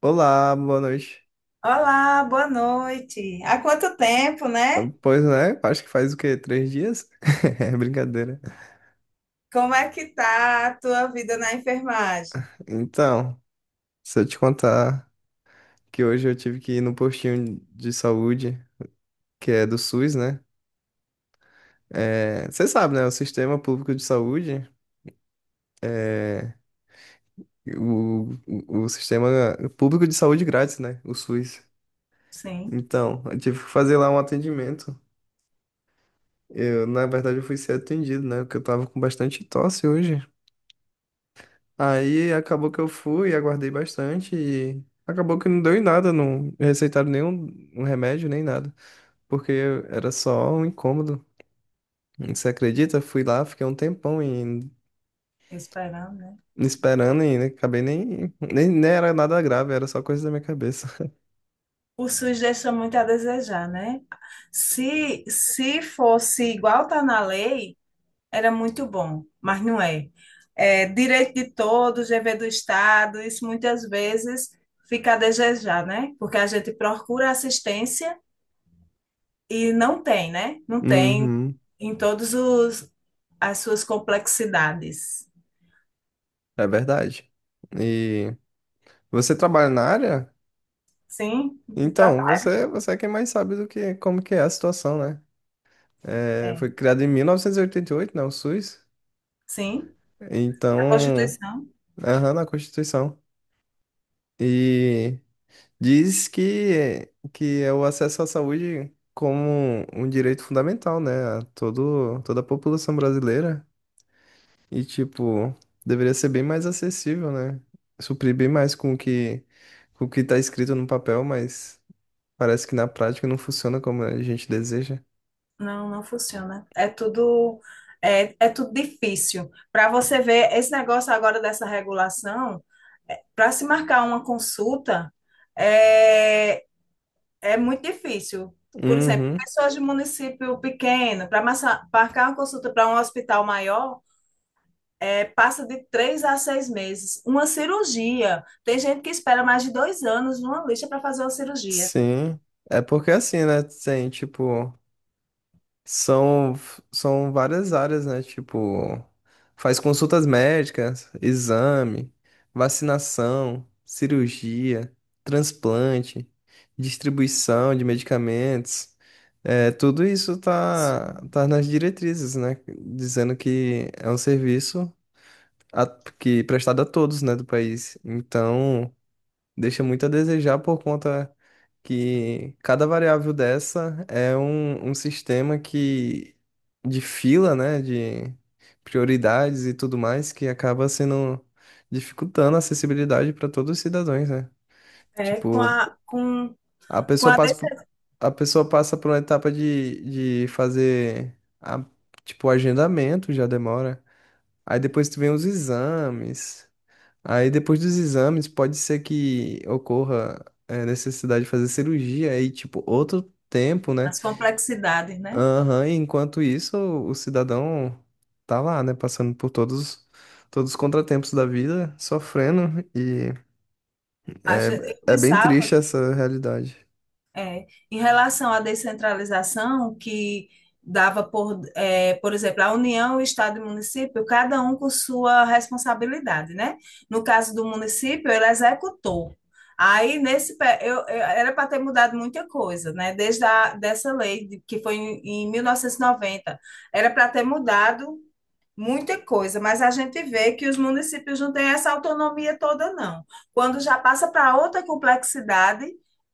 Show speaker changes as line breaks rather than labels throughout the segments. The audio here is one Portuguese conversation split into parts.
Olá, boa noite.
Olá, boa noite. Há quanto tempo, né?
Pois né, acho que faz o quê? Três dias? É brincadeira.
Como é que tá a tua vida na enfermagem?
Então, se eu te contar que hoje eu tive que ir no postinho de saúde, que é do SUS, né? É, você sabe, né? O sistema público de saúde, o sistema público de saúde grátis, né? O SUS.
Sim,
Então, eu tive que fazer lá um atendimento. Eu, na verdade, eu fui ser atendido, né? Porque eu tava com bastante tosse hoje. Aí acabou que eu fui, aguardei bastante e acabou que não deu em nada, não receitaram nenhum um remédio nem nada, porque era só um incômodo. Você acredita? Fui lá, fiquei um tempão e
esperando, né?
esperando e acabei nem era nada grave, era só coisa da minha cabeça.
O SUS deixa muito a desejar, né? Se fosse igual tá na lei, era muito bom, mas não é. É direito de todos, dever do Estado, isso muitas vezes fica a desejar, né? Porque a gente procura assistência e não tem, né? Não tem
Uhum,
em todos os as suas complexidades.
é verdade. E você trabalha na área?
Sim,
Então,
ultrapassa.
você é quem mais sabe do que como que é a situação, né? É,
É.
foi criado em 1988, né, o SUS.
Sim, a
Então,
Constituição
aham, na Constituição. E diz que é o acesso à saúde como um direito fundamental, né? A todo, toda a população brasileira. E, tipo, deveria ser bem mais acessível, né? Suprir bem mais com o que tá escrito no papel, mas parece que na prática não funciona como a gente deseja.
não funciona. É tudo é tudo difícil. Para você ver esse negócio agora dessa regulação, para se marcar uma consulta é, é muito difícil. Por exemplo,
Uhum,
pessoas de município pequeno, para marcar uma consulta para um hospital maior, é, passa de três a seis meses. Uma cirurgia. Tem gente que espera mais de dois anos numa lista para fazer uma cirurgia.
sim. É porque assim, né? Tem, tipo. São, são várias áreas, né? Tipo, faz consultas médicas, exame, vacinação, cirurgia, transplante, distribuição de medicamentos. É, tudo isso
Isso.
tá, tá nas diretrizes, né? Dizendo que é um serviço a- que é prestado a todos, né, do país. Então, deixa muito a desejar por conta que cada variável dessa é um, um sistema que de fila, né, de prioridades e tudo mais, que acaba sendo dificultando a acessibilidade para todos os cidadãos, né?
É, com
Tipo,
a, com,
a
com
pessoa
a
passa por,
dessas
a pessoa passa por uma etapa de fazer a, tipo, o agendamento já demora. Aí depois tu vem os exames. Aí depois dos exames, pode ser que ocorra é, necessidade de fazer cirurgia aí, tipo, outro tempo, né?
complexidades, né?
Aham, e enquanto isso, o cidadão tá lá, né? Passando por todos, todos os contratempos da vida, sofrendo, e
A gente,
é,
eu
é bem triste
pensava
essa realidade.
é, em relação à descentralização, que dava por, é, por exemplo, a União, o Estado e o município, cada um com sua responsabilidade, né? No caso do município, ele executou. Aí, nesse, era para ter mudado muita coisa, né? Desde a, dessa lei que foi em 1990, era para ter mudado muita coisa, mas a gente vê que os municípios não têm essa autonomia toda, não. Quando já passa para outra complexidade,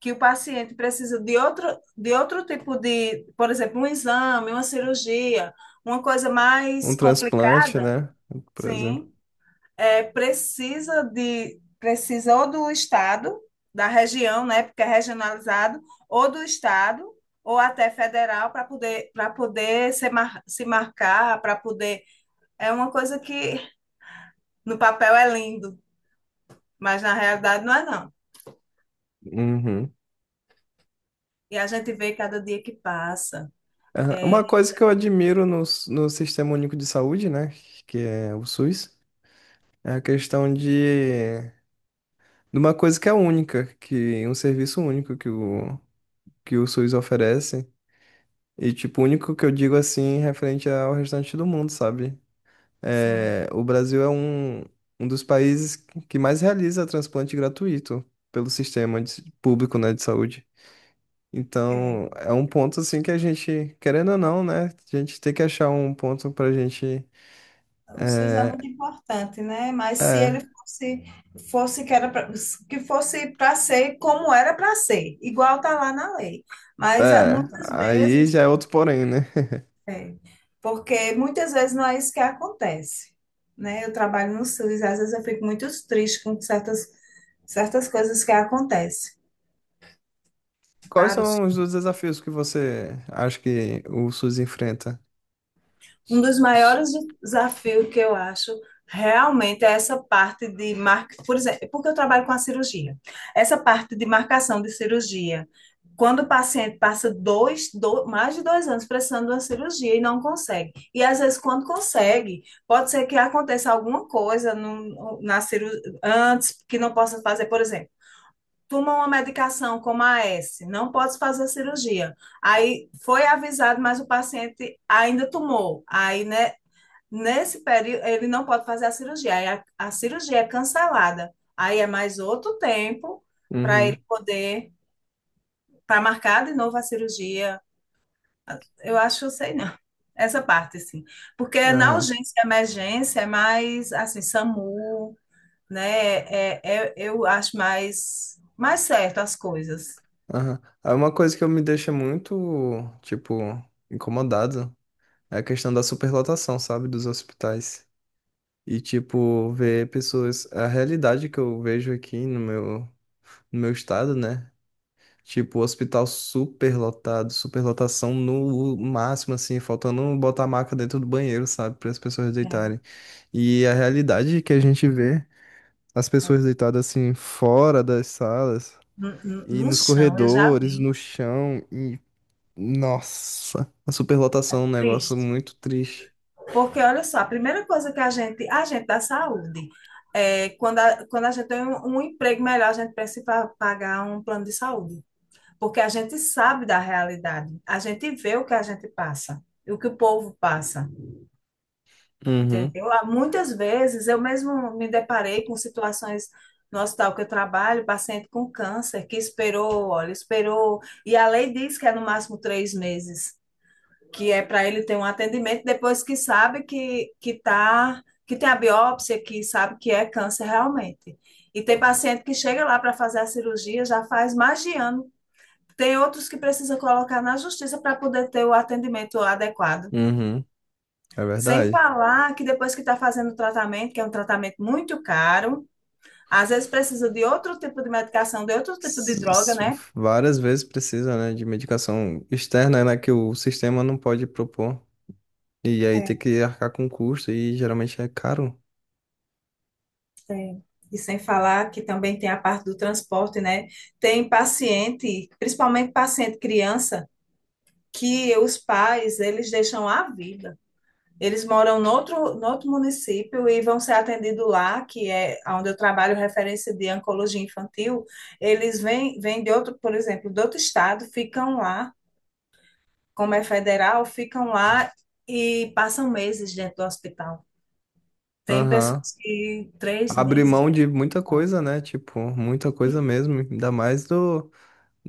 que o paciente precisa de outro tipo de, por exemplo, um exame, uma cirurgia, uma coisa mais
Um transplante,
complicada,
né? Por exemplo.
sim, é, precisa de, precisa ou do estado, da região, né, porque é regionalizado, ou do estado, ou até federal, para poder, se marcar, para poder é uma coisa que no papel é lindo, mas na realidade não é não.
Uhum.
E a gente vê cada dia que passa.
Aham.
É,
Uma coisa que eu admiro no, no Sistema Único de Saúde, né? Que é o SUS, é a questão de uma coisa que é única, que um serviço único que o SUS oferece. E, tipo, único que eu digo assim, referente ao restante do mundo, sabe?
sim,
É, o Brasil é um, um dos países que mais realiza transplante gratuito pelo público, né, de saúde.
é.
Então, é um ponto, assim, que a gente, querendo ou não, né, a gente tem que achar um ponto pra gente.
O SUS é muito
É,
importante, né? Mas se ele
é,
fosse, fosse que era pra, que fosse para ser como era para ser, igual tá lá na lei. Mas ah,
é.
muitas
Aí
vezes,
já é outro porém, né?
é, porque muitas vezes não é isso que acontece, né? Eu trabalho no SUS, às vezes eu fico muito triste com certas coisas que acontecem.
Quais
Para Claro,
são os dois desafios que você acha que o SUS enfrenta?
um dos
Ixi,
maiores desafios que eu acho realmente é essa parte de marca, por exemplo, porque eu trabalho com a cirurgia. Essa parte de marcação de cirurgia. Quando o paciente passa mais de dois anos precisando de uma cirurgia e não consegue. E às vezes, quando consegue, pode ser que aconteça alguma coisa no, na ciru, antes que não possa fazer, por exemplo. Toma uma medicação como a S, não pode fazer a cirurgia. Aí foi avisado, mas o paciente ainda tomou. Aí, né, nesse período, ele não pode fazer a cirurgia. Aí a cirurgia é cancelada. Aí é mais outro tempo para ele
uhum,
poder, para marcar de novo a cirurgia. Eu acho, eu sei não. Essa parte, assim. Porque na
aham,
urgência e emergência é mais, assim, SAMU, né? Eu acho mais, mais certo as coisas.
aham. Uma coisa que eu me deixa muito, tipo, incomodado é a questão da superlotação, sabe, dos hospitais. E, tipo, ver pessoas... A realidade que eu vejo aqui no meu, no meu estado, né? Tipo, hospital superlotado, superlotação no máximo, assim, faltando botar a maca dentro do banheiro, sabe, para as pessoas
É,
deitarem. E a realidade que a gente vê as
é,
pessoas deitadas assim fora das salas
no, no
e
no
nos
chão, eu já
corredores,
vi.
no chão e nossa, a superlotação é um negócio
Triste.
muito triste.
Porque, olha só, a primeira coisa que a gente da saúde, é, quando, a, quando a gente tem um, um emprego melhor, a gente precisa pagar um plano de saúde. Porque a gente sabe da realidade, a gente vê o que a gente passa, e o que o povo passa,
Uhum,
entendeu? Há muitas vezes eu mesmo me deparei com situações no hospital que eu trabalho, paciente com câncer, que esperou, olha, esperou, e a lei diz que é no máximo três meses que é para ele ter um atendimento depois que sabe que, tá, que tem a biópsia, que sabe que é câncer realmente. E tem paciente que chega lá para fazer a cirurgia, já faz mais de ano. Tem outros que precisa colocar na justiça para poder ter o atendimento adequado.
uhum, é
Sem
verdade.
falar que depois que está fazendo o tratamento, que é um tratamento muito caro, às vezes precisa de outro tipo de medicação, de outro tipo de droga,
S- s-
né?
Várias vezes precisa, né, de medicação externa, né, que o sistema não pode propor. E aí tem
É.
que arcar com custo e geralmente é caro.
Tem. E sem falar que também tem a parte do transporte, né? Tem paciente, principalmente paciente criança, que os pais, eles deixam a vida. Eles moram no outro, no outro município e vão ser atendidos lá, que é onde eu trabalho, referência de oncologia infantil. Eles vêm de outro, por exemplo, de outro estado, ficam lá, como é federal, ficam lá e passam meses dentro do hospital. Tem
Aham.
pessoas que três
Abre
meses. E
mão de muita
tal.
coisa, né? Tipo, muita coisa mesmo. Ainda mais do,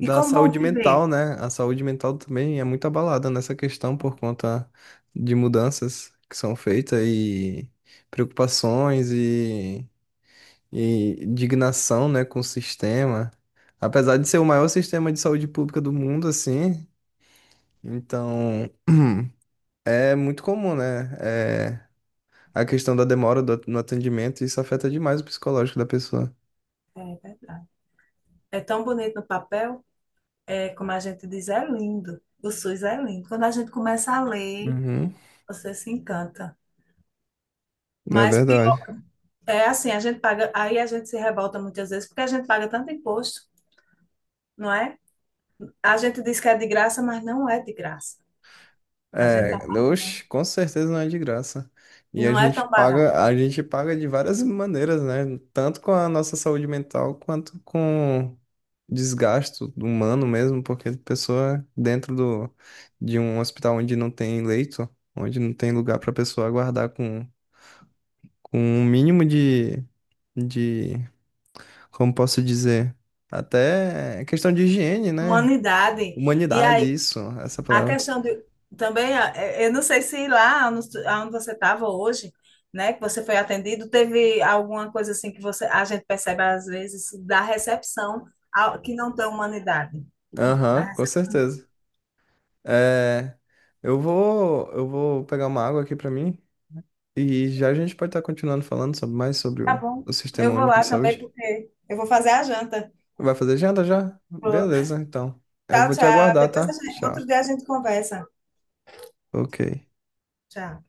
E como vão
saúde mental,
viver?
né? A saúde mental também é muito abalada nessa questão por conta de mudanças que são feitas e preocupações e indignação, né, com o sistema. Apesar de ser o maior sistema de saúde pública do mundo, assim, então é muito comum, né? É, a questão da demora no atendimento, isso afeta demais o psicológico da pessoa.
É verdade. É tão bonito no papel, é como a gente diz, é lindo. O SUS é lindo. Quando a gente começa a ler,
Uhum,
você se encanta.
é
Mas pior,
verdade.
é assim, a gente paga, aí a gente se revolta muitas vezes porque a gente paga tanto imposto, não é? A gente diz que é de graça, mas não é de graça. A gente tá-
É, oxe, com certeza não é de graça. E
não é tão barato.
a gente paga de várias maneiras, né? Tanto com a nossa saúde mental quanto com desgasto humano mesmo, porque pessoa dentro do, de um hospital onde não tem leito, onde não tem lugar para pessoa aguardar com um mínimo de, como posso dizer, até questão de higiene, né?
Humanidade. E
Humanidade,
aí,
isso, essa
a
palavra.
questão de também, eu não sei se lá onde onde você estava hoje, né, que você foi atendido, teve alguma coisa assim que você, a gente percebe às vezes da recepção que não tem humanidade. Da
Aham,
rece-
com certeza. É, eu vou pegar uma água aqui pra mim e já a gente pode estar continuando falando mais sobre
Tá bom.
o Sistema
Eu vou
Único
lá
de
também
Saúde.
porque eu vou fazer a janta.
Vai fazer agenda já?
Vou.
Beleza, então. Eu
Tchau,
vou te
tchau.
aguardar, tá? Tchau.
Outro dia a gente conversa.
Ok.
Tchau.